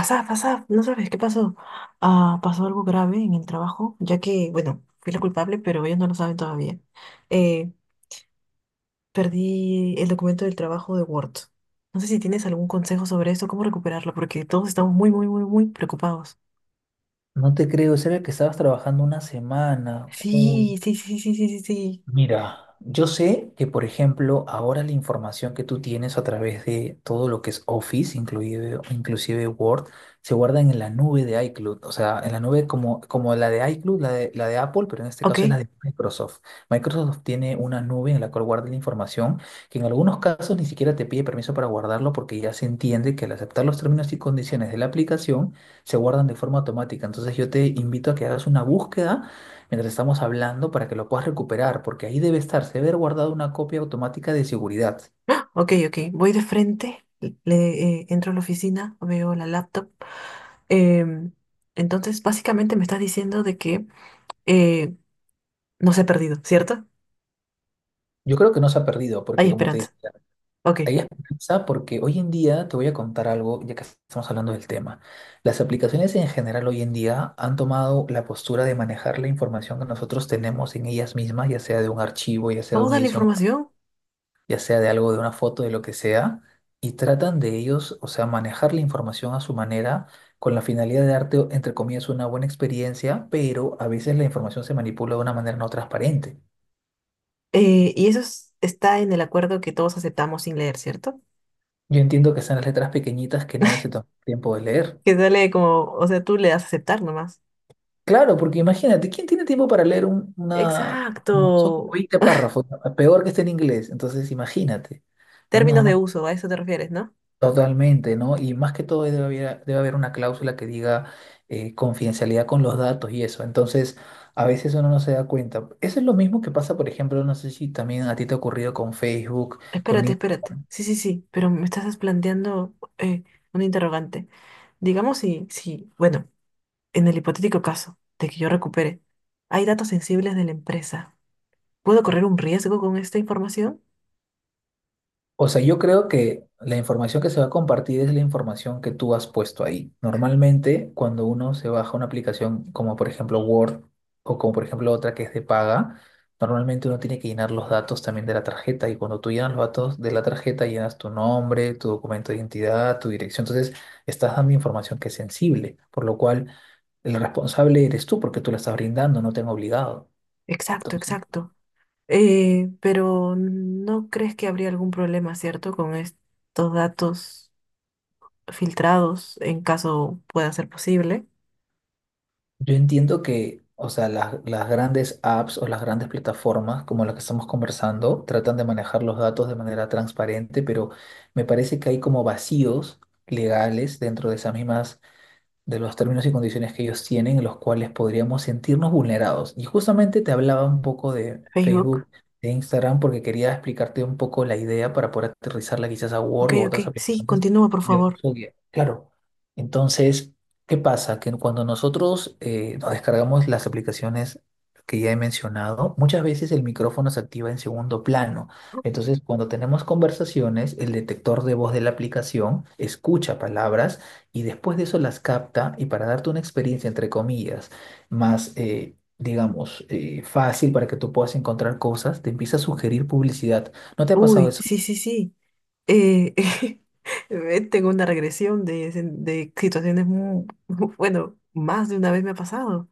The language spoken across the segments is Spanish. Asaf, Asaf, no sabes qué pasó. Ah, pasó algo grave en el trabajo, ya que, bueno, fui la culpable, pero ellos no lo saben todavía. Eh, perdí el documento del trabajo de Word. No sé si tienes algún consejo sobre esto, cómo recuperarlo, porque todos estamos muy, muy, muy, muy preocupados. No te creo. Ese era el que estabas trabajando una semana. Uy. Sí, sí, sí, sí, sí, sí, sí. Mira, yo sé que, por ejemplo, ahora la información que tú tienes a través de todo lo que es Office, inclusive Word, se guarda en la nube de iCloud. O sea, en la nube como la de iCloud, la de Apple, pero en este Ok, caso es la de Microsoft. Microsoft tiene una nube en la cual guarda la información, que en algunos casos ni siquiera te pide permiso para guardarlo porque ya se entiende que, al aceptar los términos y condiciones de la aplicación, se guardan de forma automática. Entonces yo te invito a que hagas una búsqueda mientras estamos hablando para que lo puedas recuperar, porque ahí debe estar, se debe haber guardado una copia automática de seguridad. ok, ok. Voy de frente, entro a la oficina, veo la laptop. Em, entonces, básicamente me estás diciendo de que eh, no se ha perdido, ¿cierto? Yo creo que no se ha perdido, Hay porque, como te esperanza. decía, Ok, hay esperanza porque hoy en día, te voy a contar algo, ya que estamos hablando del tema. Las aplicaciones en general hoy en día han tomado la postura de manejar la información que nosotros tenemos en ellas mismas, ya sea de un archivo, ya sea de vamos una a la edición, información. ya sea de algo, de una foto, de lo que sea, y tratan de ellos, o sea, manejar la información a su manera con la finalidad de darte, o- entre comillas, una buena experiencia, pero a veces la información se manipula de una manera no transparente. Y eso es- está en el acuerdo que todos aceptamos sin leer, ¿cierto? Yo entiendo que están las letras pequeñitas que nadie se toma tiempo de leer. Que sale como, o sea, tú le das a aceptar nomás. Claro, porque imagínate, ¿quién tiene tiempo para leer un- una- son como Exacto. 20 párrafos, ¿no? Peor que esté en inglés, entonces imagínate, no nos Términos de damos. uso, a eso te refieres, ¿no? Totalmente, ¿no? Y más que todo debe haber una cláusula que diga, confidencialidad con los datos y eso. Entonces, a veces uno no se da cuenta. Eso es lo mismo que pasa, por ejemplo, no sé si también a ti te ha ocurrido con Facebook, con... Espérate, espérate. Sí, sí, sí, pero me estás planteando un interrogante. Digamos si, si, bueno, en el hipotético caso de que yo recupere, hay datos sensibles de la empresa. ¿Puedo correr un riesgo con esta información? O sea, yo creo que la información que se va a compartir es la información que tú has puesto ahí. Normalmente, cuando uno se baja una aplicación como por ejemplo Word o como por ejemplo otra que es de paga, normalmente uno tiene que llenar los datos también de la tarjeta, y cuando tú llenas los datos de la tarjeta, llenas tu nombre, tu documento de identidad, tu dirección. Entonces, estás dando información que es sensible, por lo cual el responsable eres tú porque tú la estás brindando, no te han obligado. Exacto, exacto. Pero ¿no crees que habría algún problema, cierto, con estos datos filtrados en caso pueda ser posible? Yo entiendo que, o sea, las grandes apps o las grandes plataformas como las que estamos conversando tratan de manejar los datos de manera transparente, pero me parece que hay como vacíos legales dentro de esas mismas, de los términos y condiciones que ellos tienen, en los cuales podríamos sentirnos vulnerados. Y justamente te hablaba un poco de Facebook. Facebook, de Instagram, porque quería explicarte un poco la idea para poder aterrizarla quizás a Ok, Word o ok. otras Sí, aplicaciones continúa, por de favor. uso diario. Claro. Entonces, ¿qué pasa? Que cuando nosotros nos descargamos las aplicaciones que ya he mencionado, muchas veces el micrófono se activa en segundo plano. Entonces, cuando tenemos conversaciones, el detector de voz de la aplicación escucha palabras y después de eso las capta, y para darte una experiencia, entre comillas, más, digamos, fácil para que tú puedas encontrar cosas, te empieza a sugerir publicidad. ¿No te ha pasado Uy, eso? sí, sí, sí. eh, tengo una regresión de, sen- de situaciones muy, bueno, más de una vez me ha pasado.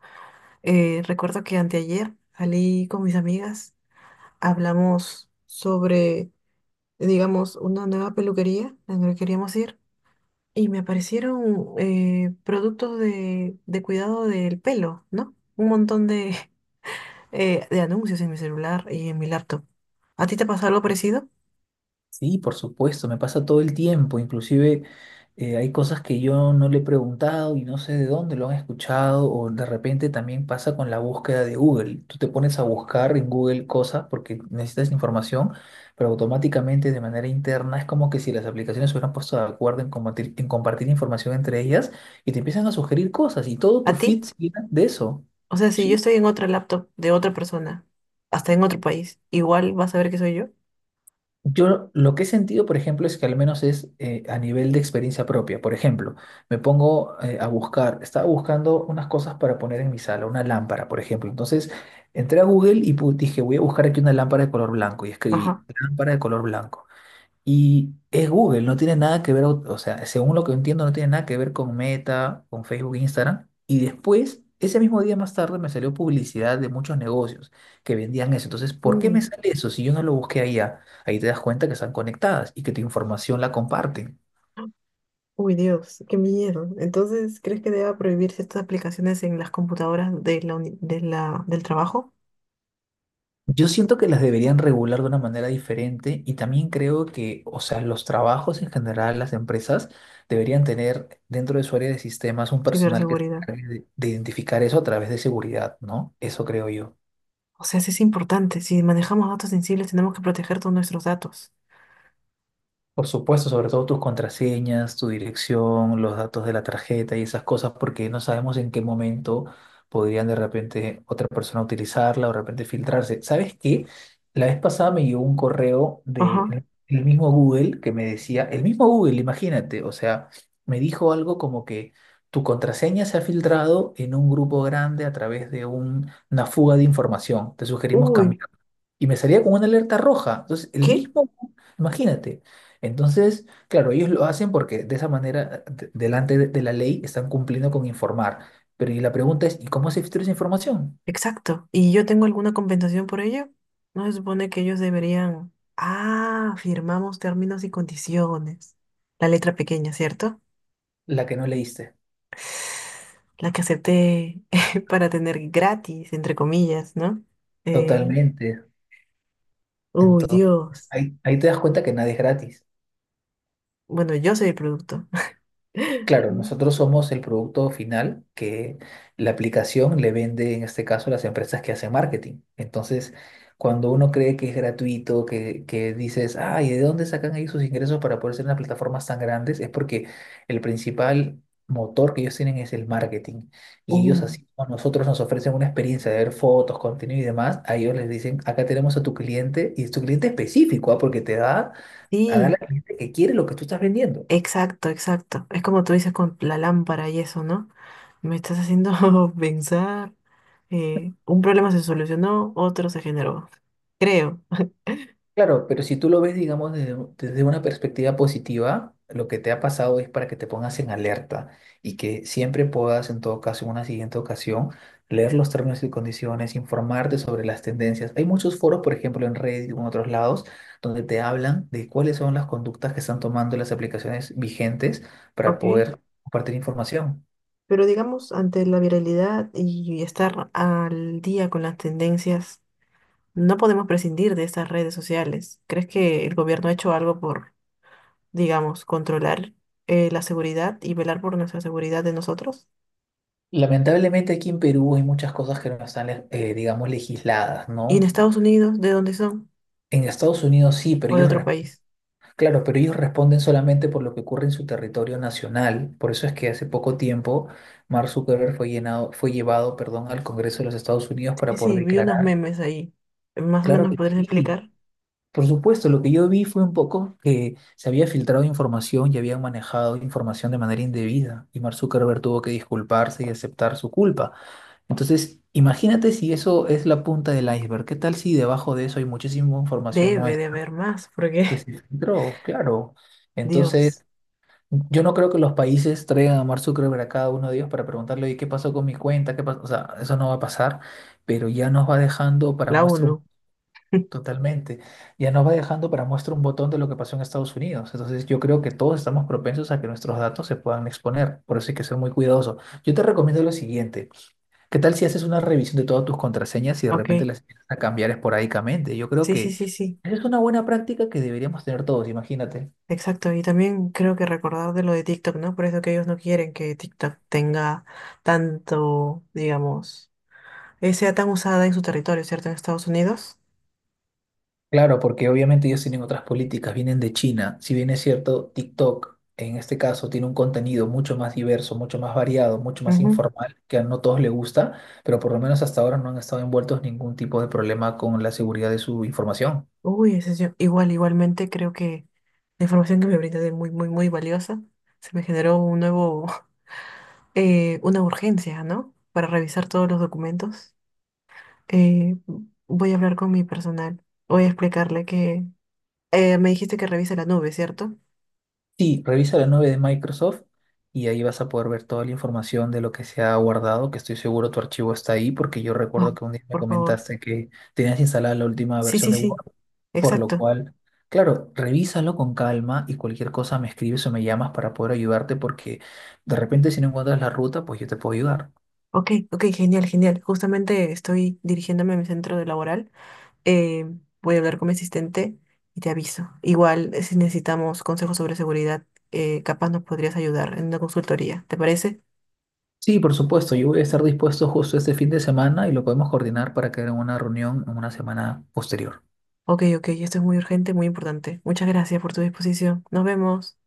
Recuerdo que anteayer salí con mis amigas, hablamos sobre, digamos, una nueva peluquería en la que queríamos ir y me aparecieron productos de cuidado del pelo, ¿no? Un montón de, de anuncios en mi celular y en mi laptop. ¿A ti te pasó algo parecido? Sí, por supuesto, me pasa todo el tiempo, inclusive hay cosas que yo no le he preguntado y no sé de dónde lo han escuchado, o de repente también pasa con la búsqueda de Google. Tú te pones a buscar en Google cosas porque necesitas información, pero automáticamente de manera interna es como que si las aplicaciones se hubieran puesto de acuerdo en compartir información entre ellas, y te empiezan a sugerir cosas y todo tu ¿A ti? feed se llena de eso. O sea, si yo Sí. estoy en otra laptop de otra persona, hasta en otro país, igual vas a ver que soy yo. Yo lo que he sentido, por ejemplo, es que al menos es, a nivel de experiencia propia. Por ejemplo, me pongo a buscar, estaba buscando unas cosas para poner en mi sala, una lámpara, por ejemplo. Entonces, entré a Google y pu- dije, voy a buscar aquí una lámpara de color blanco, y Ajá. escribí lámpara de color blanco. Y es Google, no tiene nada que ver, o sea, según lo que entiendo, no tiene nada que ver con Meta, con Facebook, Instagram. Y después, ese mismo día más tarde, me salió publicidad de muchos negocios que vendían eso. Entonces, ¿por qué me Uy, sale eso si yo no lo busqué allá? Ahí te das cuenta que están conectadas y que tu información la comparten. uy, Dios, qué miedo. Entonces, ¿crees que deba prohibirse estas aplicaciones en las computadoras de la uni- de la, del trabajo? Yo siento que las deberían regular de una manera diferente, y también creo que, o sea, los trabajos en general, las empresas deberían tener dentro de su área de sistemas un personal que se Ciberseguridad. encargue de identificar eso a través de seguridad, ¿no? Eso creo yo. O sea, sí es importante. Si manejamos datos sensibles, tenemos que proteger todos nuestros datos. Por supuesto, sobre todo tus contraseñas, tu dirección, los datos de la tarjeta y esas cosas, porque no sabemos en qué momento podrían de repente otra persona utilizarla o de repente filtrarse. ¿Sabes qué? La vez pasada me llegó un correo Ajá. de el mismo Google que me decía, el mismo Google, imagínate, o sea, me dijo algo como que tu contraseña se ha filtrado en un grupo grande a través de un- una fuga de información. Te sugerimos Uy, cambiar. Y me salía con una alerta roja. Entonces, el ¿qué? mismo, imagínate. Entonces, claro, ellos lo hacen porque de esa manera, de- delante de la ley, están cumpliendo con informar. Pero y la pregunta es, ¿y cómo se filtra esa información? Exacto. ¿Y yo tengo alguna compensación por ello? ¿No se supone que ellos deberían... Ah, firmamos términos y condiciones. La letra pequeña, ¿cierto? La que no leíste. La que acepté para tener gratis, entre comillas, ¿no? Eh, Totalmente. uy, Entonces, Dios. ahí, ahí te das cuenta que nada es gratis. Bueno, yo soy el producto. Claro, Mm. nosotros somos el producto final que la aplicación le vende, en este caso, a las empresas que hacen marketing. Entonces, cuando uno cree que es gratuito, que dices, ay, ¿de dónde sacan ahí sus ingresos para poder ser unas plataformas tan grandes? Es porque el principal motor que ellos tienen es el marketing. Y Uh, ellos, así como a nosotros nos ofrecen una experiencia de ver fotos, contenido y demás, a ellos les dicen, acá tenemos a tu cliente, y es tu cliente específico, ah, porque te da a dar sí, al cliente que quiere lo que tú estás vendiendo. exacto, exacto. Es como tú dices con la lámpara y eso, ¿no? Me estás haciendo pensar. Un problema se solucionó, otro se generó. Creo. Claro, pero si tú lo ves, digamos, desde, un- desde una perspectiva positiva, lo que te ha pasado es para que te pongas en alerta y que siempre puedas, en todo caso, en una siguiente ocasión, leer los términos y condiciones, informarte sobre las tendencias. Hay muchos foros, por ejemplo, en Reddit o en otros lados, donde te hablan de cuáles son las conductas que están tomando las aplicaciones vigentes para Ok. poder compartir información. Pero digamos, ante la viralidad y estar al día con las tendencias, no podemos prescindir de estas redes sociales. ¿Crees que el gobierno ha hecho algo por, digamos, controlar la seguridad y velar por nuestra seguridad de nosotros? Lamentablemente aquí en Perú hay muchas cosas que no están, digamos, legisladas, ¿Y en ¿no? Estados Unidos, de dónde son? En Estados Unidos sí, pero ¿O de ellos... otro país? Claro, pero ellos responden solamente por lo que ocurre en su territorio nacional. Por eso es que hace poco tiempo Mark Zuckerberg fue llenado, fue llevado, perdón, al Congreso de los Estados Unidos Y para poder sí, vi unos declarar. memes ahí. Más o Claro menos me que podrías sí. explicar. Por supuesto, lo que yo vi fue un poco que se había filtrado información y habían manejado información de manera indebida, y Mark Zuckerberg tuvo que disculparse y aceptar su culpa. Entonces, imagínate si eso es la punta del iceberg. ¿Qué tal si debajo de eso hay muchísima información Debe de nuestra haber más, que porque se filtró? Claro. Entonces... Dios, Yo no creo que los países traigan a Mark Zuckerberg a cada uno de ellos para preguntarle, oye, ¿qué pasó con mi cuenta? ¿Qué pasó? O sea, eso no va a pasar, pero ya nos va dejando para la muestra un... ONU. Totalmente. Ya nos va dejando para muestra un botón de lo que pasó en Estados Unidos. Entonces yo creo que todos estamos propensos a que nuestros datos se puedan exponer. Por eso hay que ser muy cuidadoso. Yo te recomiendo lo siguiente. ¿Qué tal si haces una revisión de todas tus contraseñas y de Ok, repente las empiezas a cambiar esporádicamente? Yo creo sí, sí, que sí, sí. esa es una buena práctica que deberíamos tener todos, imagínate. Exacto. Y también creo que recordar de lo de TikTok, ¿no? Por eso que ellos no quieren que TikTok tenga tanto, digamos, sea tan usada en su territorio, ¿cierto? En Estados Unidos. Claro, porque obviamente ellos tienen otras políticas, vienen de China. Si bien es cierto, TikTok en este caso tiene un contenido mucho más diverso, mucho más variado, mucho más Ujú. informal, que a no todos les gusta, pero por lo menos hasta ahora no han estado envueltos en ningún tipo de problema con la seguridad de su información. Uy, ese es yo- Igual, igualmente creo que la información que me brindas es muy, muy, muy valiosa. Se me generó un nuevo una urgencia, ¿no? Para revisar todos los documentos. Eh, voy a hablar con mi personal. Voy a explicarle que me dijiste que revise la nube, ¿cierto? Sí, revisa la nube de Microsoft y ahí vas a poder ver toda la información de lo que se ha guardado, que estoy seguro tu archivo está ahí, porque yo recuerdo Wow, que un día me por favor. comentaste que tenías instalada la última Sí, versión sí, de sí, Word. Por lo exacto. cual, claro, revísalo con calma y cualquier cosa me escribes o me llamas para poder ayudarte, porque de repente si no encuentras la ruta, pues yo te puedo ayudar. Ok, ok, genial, genial. Justamente estoy dirigiéndome a mi centro de laboral. Eh, voy a hablar con mi asistente y te aviso. Igual, si necesitamos consejos sobre seguridad, capaz nos podrías ayudar en una consultoría. ¿Te parece? Sí, por supuesto, yo voy a estar dispuesto justo este fin de semana y lo podemos coordinar para que en una reunión en una semana posterior. Ok, ok, esto es muy urgente, muy importante. Muchas gracias por tu disposición. Nos vemos.